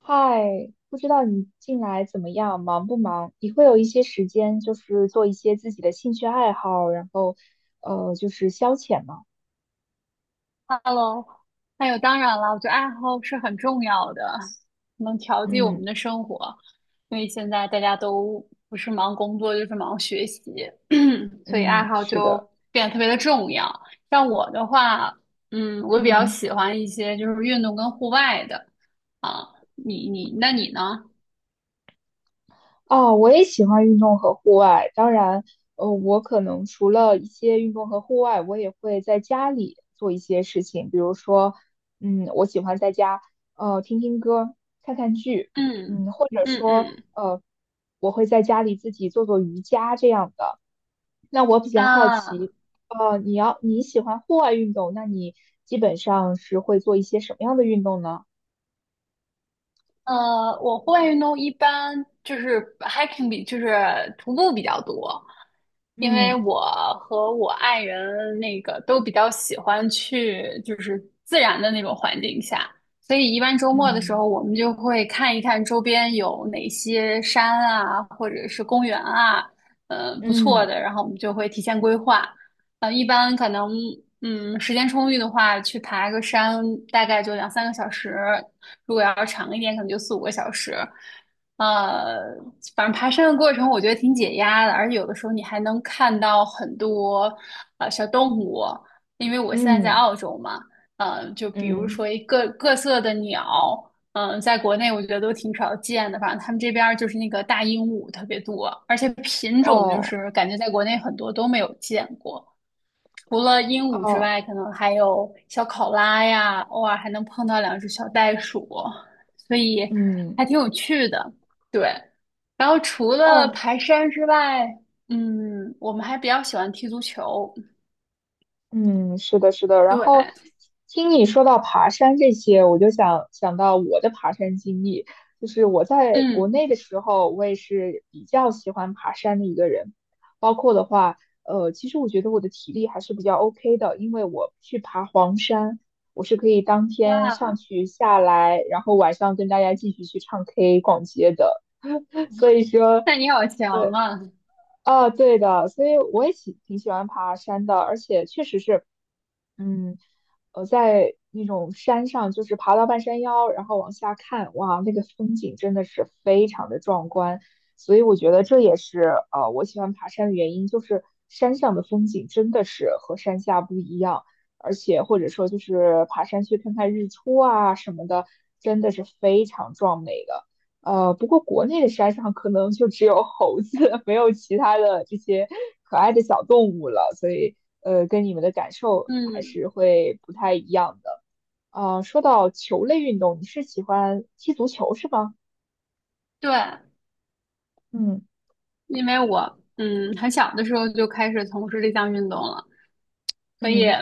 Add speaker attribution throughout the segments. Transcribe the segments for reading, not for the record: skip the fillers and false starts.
Speaker 1: 嗨，不知道你近来怎么样，忙不忙？你会有一些时间，就是做一些自己的兴趣爱好，就是消遣吗？
Speaker 2: Hello，还有当然了，我觉得爱好是很重要的，能调剂我
Speaker 1: 嗯
Speaker 2: 们的生活。因为现在大家都不是忙工作就是忙学习，所以爱
Speaker 1: 嗯，
Speaker 2: 好
Speaker 1: 是的，
Speaker 2: 就变得特别的重要。像我的话，我比较
Speaker 1: 嗯。
Speaker 2: 喜欢一些就是运动跟户外的啊。那你呢？
Speaker 1: 哦，我也喜欢运动和户外。当然，我可能除了一些运动和户外，我也会在家里做一些事情，比如说，嗯，我喜欢在家，听听歌，看看剧，
Speaker 2: 嗯
Speaker 1: 嗯，或者
Speaker 2: 嗯
Speaker 1: 说，
Speaker 2: 嗯
Speaker 1: 呃，我会在家里自己做做瑜伽这样的。那我比较好
Speaker 2: 啊，
Speaker 1: 奇，你喜欢户外运动，那你基本上是会做一些什么样的运动呢？
Speaker 2: 我户外运动一般就是 hiking 就是徒步比较多，因
Speaker 1: 嗯
Speaker 2: 为我和我爱人都比较喜欢去就是自然的那种环境下，所以一般周末的时
Speaker 1: 嗯。
Speaker 2: 候我们就会看一看周边有哪些山啊，或者是公园啊，不错
Speaker 1: 嗯
Speaker 2: 的，然后我们就会提前规划。一般可能时间充裕的话，去爬个山大概就两三个小时。如果要长一点，可能就四五个小时。呃，反正爬山的过程我觉得挺解压的，而且有的时候你还能看到很多小动物，因为我现在在
Speaker 1: 嗯
Speaker 2: 澳洲嘛，就比如
Speaker 1: 嗯，
Speaker 2: 说各色的鸟，在国内我觉得都挺少见的，反正他们这边儿就是那个大鹦鹉特别多，而且品种就
Speaker 1: 哦。
Speaker 2: 是感觉在国内很多都没有见过。除了鹦鹉之
Speaker 1: 哦，
Speaker 2: 外，可能还有小考拉呀，偶尔还能碰到两只小袋鼠，所以
Speaker 1: 嗯，
Speaker 2: 还挺有趣的。对，然后除了
Speaker 1: 哦，
Speaker 2: 爬山之外，我们还比较喜欢踢足球。
Speaker 1: 嗯，是的，是的。然
Speaker 2: 对，
Speaker 1: 后听你说到爬山这些，我就想到我的爬山经历。就是我在国
Speaker 2: 嗯，
Speaker 1: 内的时候，我也是比较喜欢爬山的一个人。包括的话，其实我觉得我的体力还是比较 OK 的，因为我去爬黄山，我是可以当天上
Speaker 2: 哇，
Speaker 1: 去下来，然后晚上跟大家继续去唱 K、逛街的。所以说。
Speaker 2: 那你好强啊！
Speaker 1: 啊，对的，所以我也喜欢爬山的，而且确实是，嗯，在那种山上，就是爬到半山腰，然后往下看，哇，那个风景真的是非常的壮观，所以我觉得这也是我喜欢爬山的原因，就是山上的风景真的是和山下不一样，而且或者说就是爬山去看看日出啊什么的，真的是非常壮美的。不过国内的山上可能就只有猴子，没有其他的这些可爱的小动物了，所以跟你们的感受还
Speaker 2: 嗯，
Speaker 1: 是会不太一样的。啊、说到球类运动，你是喜欢踢足球是吗？
Speaker 2: 对，
Speaker 1: 嗯
Speaker 2: 因为我很小的时候就开始从事这项运动了，所以。
Speaker 1: 嗯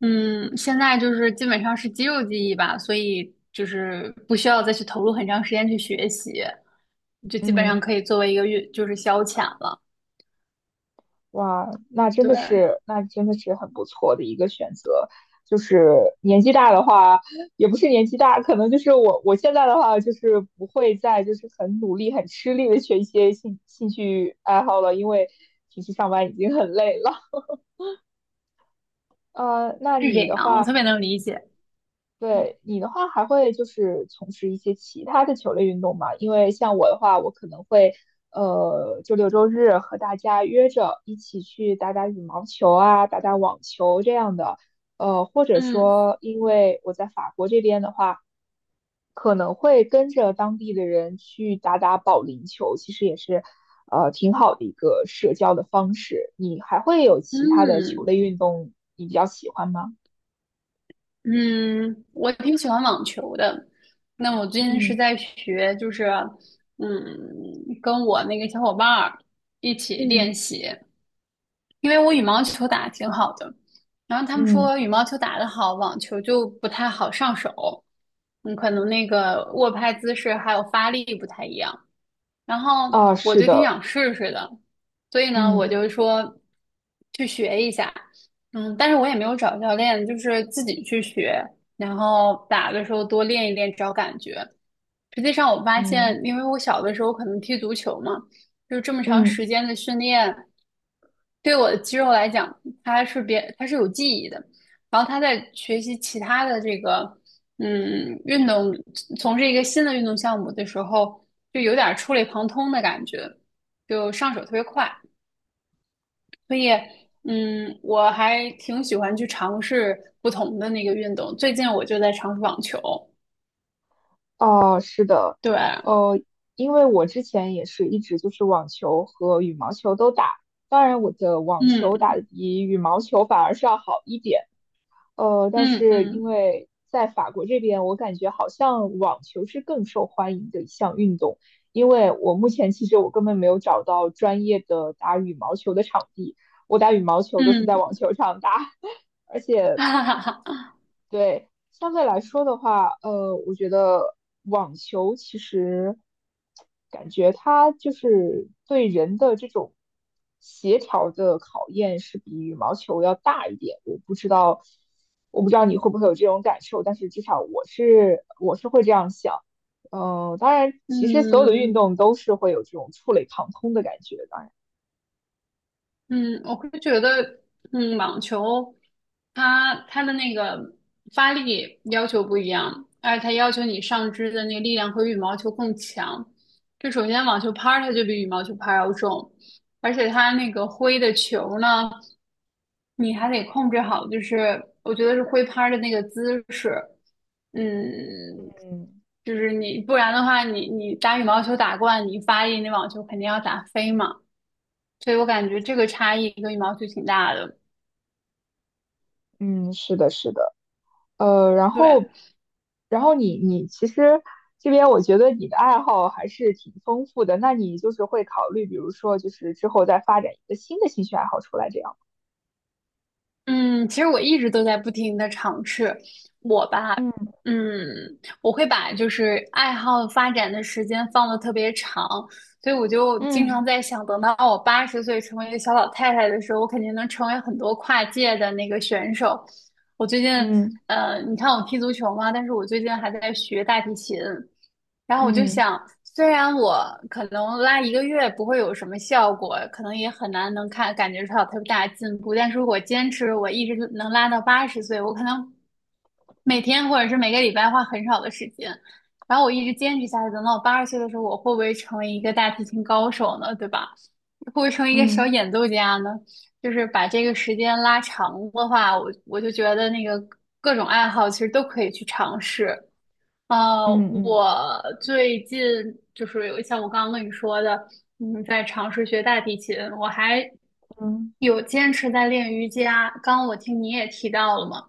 Speaker 2: 嗯，现在就是基本上是肌肉记忆吧，所以就是不需要再去投入很长时间去学习，就基本上
Speaker 1: 嗯。
Speaker 2: 可以作为一个就是消遣了。
Speaker 1: 哇，那真的
Speaker 2: 对，
Speaker 1: 是，那真的是很不错的一个选择。就是年纪大的话，也不是年纪大，可能就是我现在的话，就是不会再就是很努力、很吃力的学一些兴趣爱好了，因为平时上班已经很累了。呃，那
Speaker 2: 是
Speaker 1: 你
Speaker 2: 这
Speaker 1: 的
Speaker 2: 样，我特
Speaker 1: 话，
Speaker 2: 别能理解。
Speaker 1: 对你的话，还会就是从事一些其他的球类运动吗？因为像我的话，我可能会周六周日和大家约着一起去打打羽毛球啊，打打网球这样的，或者
Speaker 2: 嗯
Speaker 1: 说因为我在法国这边的话，可能会跟着当地的人去打打保龄球，其实也是挺好的一个社交的方式。你还会有其他的球
Speaker 2: 嗯
Speaker 1: 类运动你比较喜欢吗？
Speaker 2: 嗯，我挺喜欢网球的。那我最近是
Speaker 1: 嗯
Speaker 2: 在学，就是嗯，跟我那个小伙伴儿一起练
Speaker 1: 嗯
Speaker 2: 习。因为我羽毛球打得挺好的，然后他们
Speaker 1: 嗯。
Speaker 2: 说羽毛球打得好，网球就不太好上手，可能那个握拍姿势还有发力不太一样。然后
Speaker 1: 啊，
Speaker 2: 我
Speaker 1: 是
Speaker 2: 就挺
Speaker 1: 的，
Speaker 2: 想试试的，所以呢，我
Speaker 1: 嗯
Speaker 2: 就说去学一下，但是我也没有找教练，就是自己去学，然后打的时候多练一练，找感觉。实际上，我发
Speaker 1: 嗯
Speaker 2: 现，因为我小的时候可能踢足球嘛，就这么长
Speaker 1: 嗯
Speaker 2: 时间的训练，对我的肌肉来讲，它是别，它是有记忆的。然后他在学习其他的这个，运动，从事一个新的运动项目的时候，就有点儿触类旁通的感觉，就上手特别快。所以，我还挺喜欢去尝试不同的那个运动。最近我就在尝试网球，
Speaker 1: 哦，是的，
Speaker 2: 对，
Speaker 1: 呃，因为我之前也是一直就是网球和羽毛球都打，当然我的网球
Speaker 2: 嗯
Speaker 1: 打得比羽毛球反而是要好一点，但
Speaker 2: 嗯
Speaker 1: 是因
Speaker 2: 嗯
Speaker 1: 为在法国这边，我感觉好像网球是更受欢迎的一项运动，因为我目前其实我根本没有找到专业的打羽毛球的场地，我打羽毛球都是在
Speaker 2: 嗯。
Speaker 1: 网球场打。
Speaker 2: 哈哈哈，
Speaker 1: 对，相对来说的话，我觉得网球其实感觉它就是对人的这种协调的考验是比羽毛球要大一点。我不知道，我不知道你会不会有这种感受，但是至少我会这样想。当然，其实所有的运
Speaker 2: 嗯，
Speaker 1: 动都是会有这种触类旁通的感觉。当然，
Speaker 2: 嗯，我会觉得，网球它的那个发力要求不一样，而且它要求你上肢的那个力量和羽毛球更强。就首先网球拍儿它就比羽毛球拍儿要重，而且它那个挥的球呢，你还得控制好，就是我觉得是挥拍儿的那个姿势，嗯，
Speaker 1: 嗯，
Speaker 2: 就是你不然的话你打羽毛球打惯，你发力那网球肯定要打飞嘛。所以我感觉这个差异跟羽毛球挺大的。
Speaker 1: 嗯，是的，是的。呃，然
Speaker 2: 对，
Speaker 1: 后，然后你其实这边我觉得你的爱好还是挺丰富的，那你就是会考虑，比如说就是之后再发展一个新的兴趣爱好出来这样。
Speaker 2: 嗯，其实我一直都在不停的尝试。我吧，
Speaker 1: 嗯
Speaker 2: 嗯，我会把就是爱好发展的时间放的特别长，所以我就经常
Speaker 1: 嗯
Speaker 2: 在想，等到我八十岁成为一个小老太太的时候，我肯定能成为很多跨界的那个选手。我最近，
Speaker 1: 嗯
Speaker 2: 你看我踢足球嘛，但是我最近还在学大提琴。然后我就
Speaker 1: 嗯
Speaker 2: 想，虽然我可能拉一个月不会有什么效果，可能也很难能看感觉出来有特别大的进步，但是如果坚持，我一直能拉到八十岁，我可能每天或者是每个礼拜花很少的时间，然后我一直坚持下去，等到我八十岁的时候，我会不会成为一个大提琴高手呢？对吧？会不会成为一个小
Speaker 1: 嗯
Speaker 2: 演奏家呢？就是把这个时间拉长的话，我就觉得那个各种爱好其实都可以去尝试。呃，
Speaker 1: 嗯
Speaker 2: 我最近就是有像我刚刚跟你说的，在尝试学大提琴，我还
Speaker 1: 嗯嗯
Speaker 2: 有坚持在练瑜伽。刚刚我听你也提到了嘛，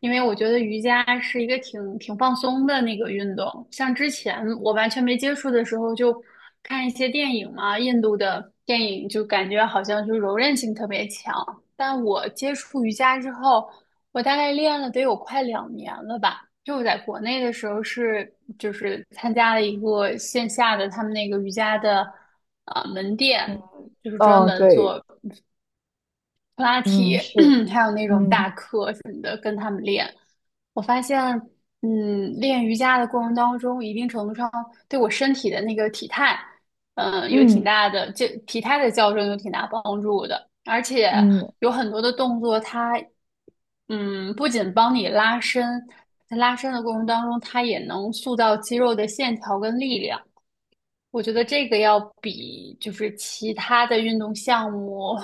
Speaker 2: 因为我觉得瑜伽是一个挺放松的那个运动，像之前我完全没接触的时候，就看一些电影嘛，印度的电影就感觉好像就柔韧性特别强。但我接触瑜伽之后，我大概练了得有快2年了吧。就我在国内的时候就是参加了一个线下的他们那个瑜伽的门
Speaker 1: 嗯
Speaker 2: 店，就是专
Speaker 1: 嗯，
Speaker 2: 门
Speaker 1: 对，
Speaker 2: 做普拉
Speaker 1: 嗯，
Speaker 2: 提，
Speaker 1: 是。
Speaker 2: 还有那种大
Speaker 1: 嗯
Speaker 2: 课，我发现，练瑜伽的过程当中，一定程度上对我身体的那个体态，有挺
Speaker 1: 嗯
Speaker 2: 大的，这体态的矫正有挺大帮助的。而且
Speaker 1: 嗯，
Speaker 2: 有很多的动作，它，不仅帮你拉伸，在拉伸的过程当中，它也能塑造肌肉的线条跟力量。我觉得这个要比就是其他的运动项目，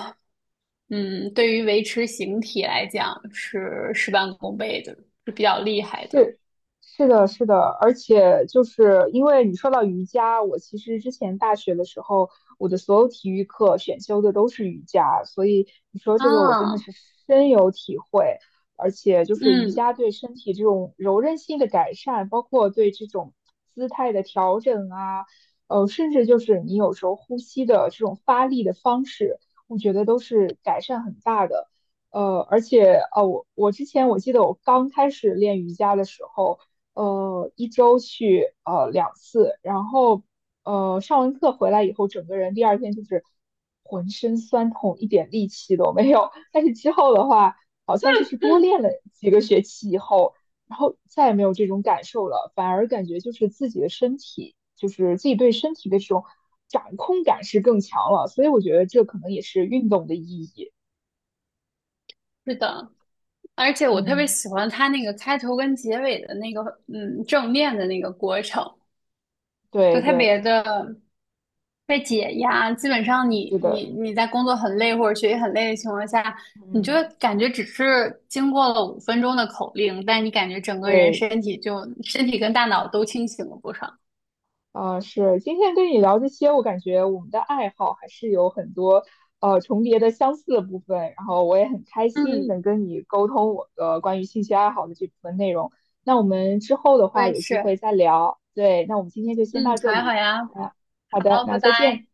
Speaker 2: 嗯，对于维持形体来讲是事半功倍的，是比较厉害的。
Speaker 1: 是是的，是的，而且就是因为你说到瑜伽，我其实之前大学的时候，我的所有体育课选修的都是瑜伽，所以你说这个我真的
Speaker 2: 啊，
Speaker 1: 是深有体会。而且就是瑜
Speaker 2: 嗯，
Speaker 1: 伽对身体这种柔韧性的改善，包括对这种姿态的调整啊，甚至就是你有时候呼吸的这种发力的方式，我觉得都是改善很大的。而且我之前我记得我刚开始练瑜伽的时候，一周去两次，然后上完课回来以后，整个人第二天就是浑身酸痛，一点力气都没有。但是之后的话，好像就是多练了几个学期以后，然后再也没有这种感受了，反而感觉就是自己的身体，就是自己对身体的这种掌控感是更强了。所以我觉得这可能也是运动的意义。
Speaker 2: 是的，而且我特别
Speaker 1: 嗯。
Speaker 2: 喜欢它那个开头跟结尾的那个，正面的那个过程，就
Speaker 1: 对
Speaker 2: 特
Speaker 1: 对，
Speaker 2: 别的被解压。基本上
Speaker 1: 是
Speaker 2: 你你
Speaker 1: 的，
Speaker 2: 你在工作很累或者学习很累的情况下，你就
Speaker 1: 嗯，
Speaker 2: 感觉只是经过了5分钟的口令，但你感觉整个人
Speaker 1: 对，
Speaker 2: 身体跟大脑都清醒了不少。
Speaker 1: 啊、是。今天跟你聊这些，我感觉我们的爱好还是有很多重叠的相似的部分。然后我也很开心
Speaker 2: 嗯，
Speaker 1: 能跟你沟通我的关于兴趣爱好的这部分内容。那我们之后的
Speaker 2: 我
Speaker 1: 话
Speaker 2: 也
Speaker 1: 有机
Speaker 2: 是。
Speaker 1: 会再聊。对，那我们今天就先
Speaker 2: 嗯，
Speaker 1: 到
Speaker 2: 好
Speaker 1: 这
Speaker 2: 呀好
Speaker 1: 里。
Speaker 2: 呀，
Speaker 1: 啊，好的，
Speaker 2: 好，拜
Speaker 1: 那再见。
Speaker 2: 拜。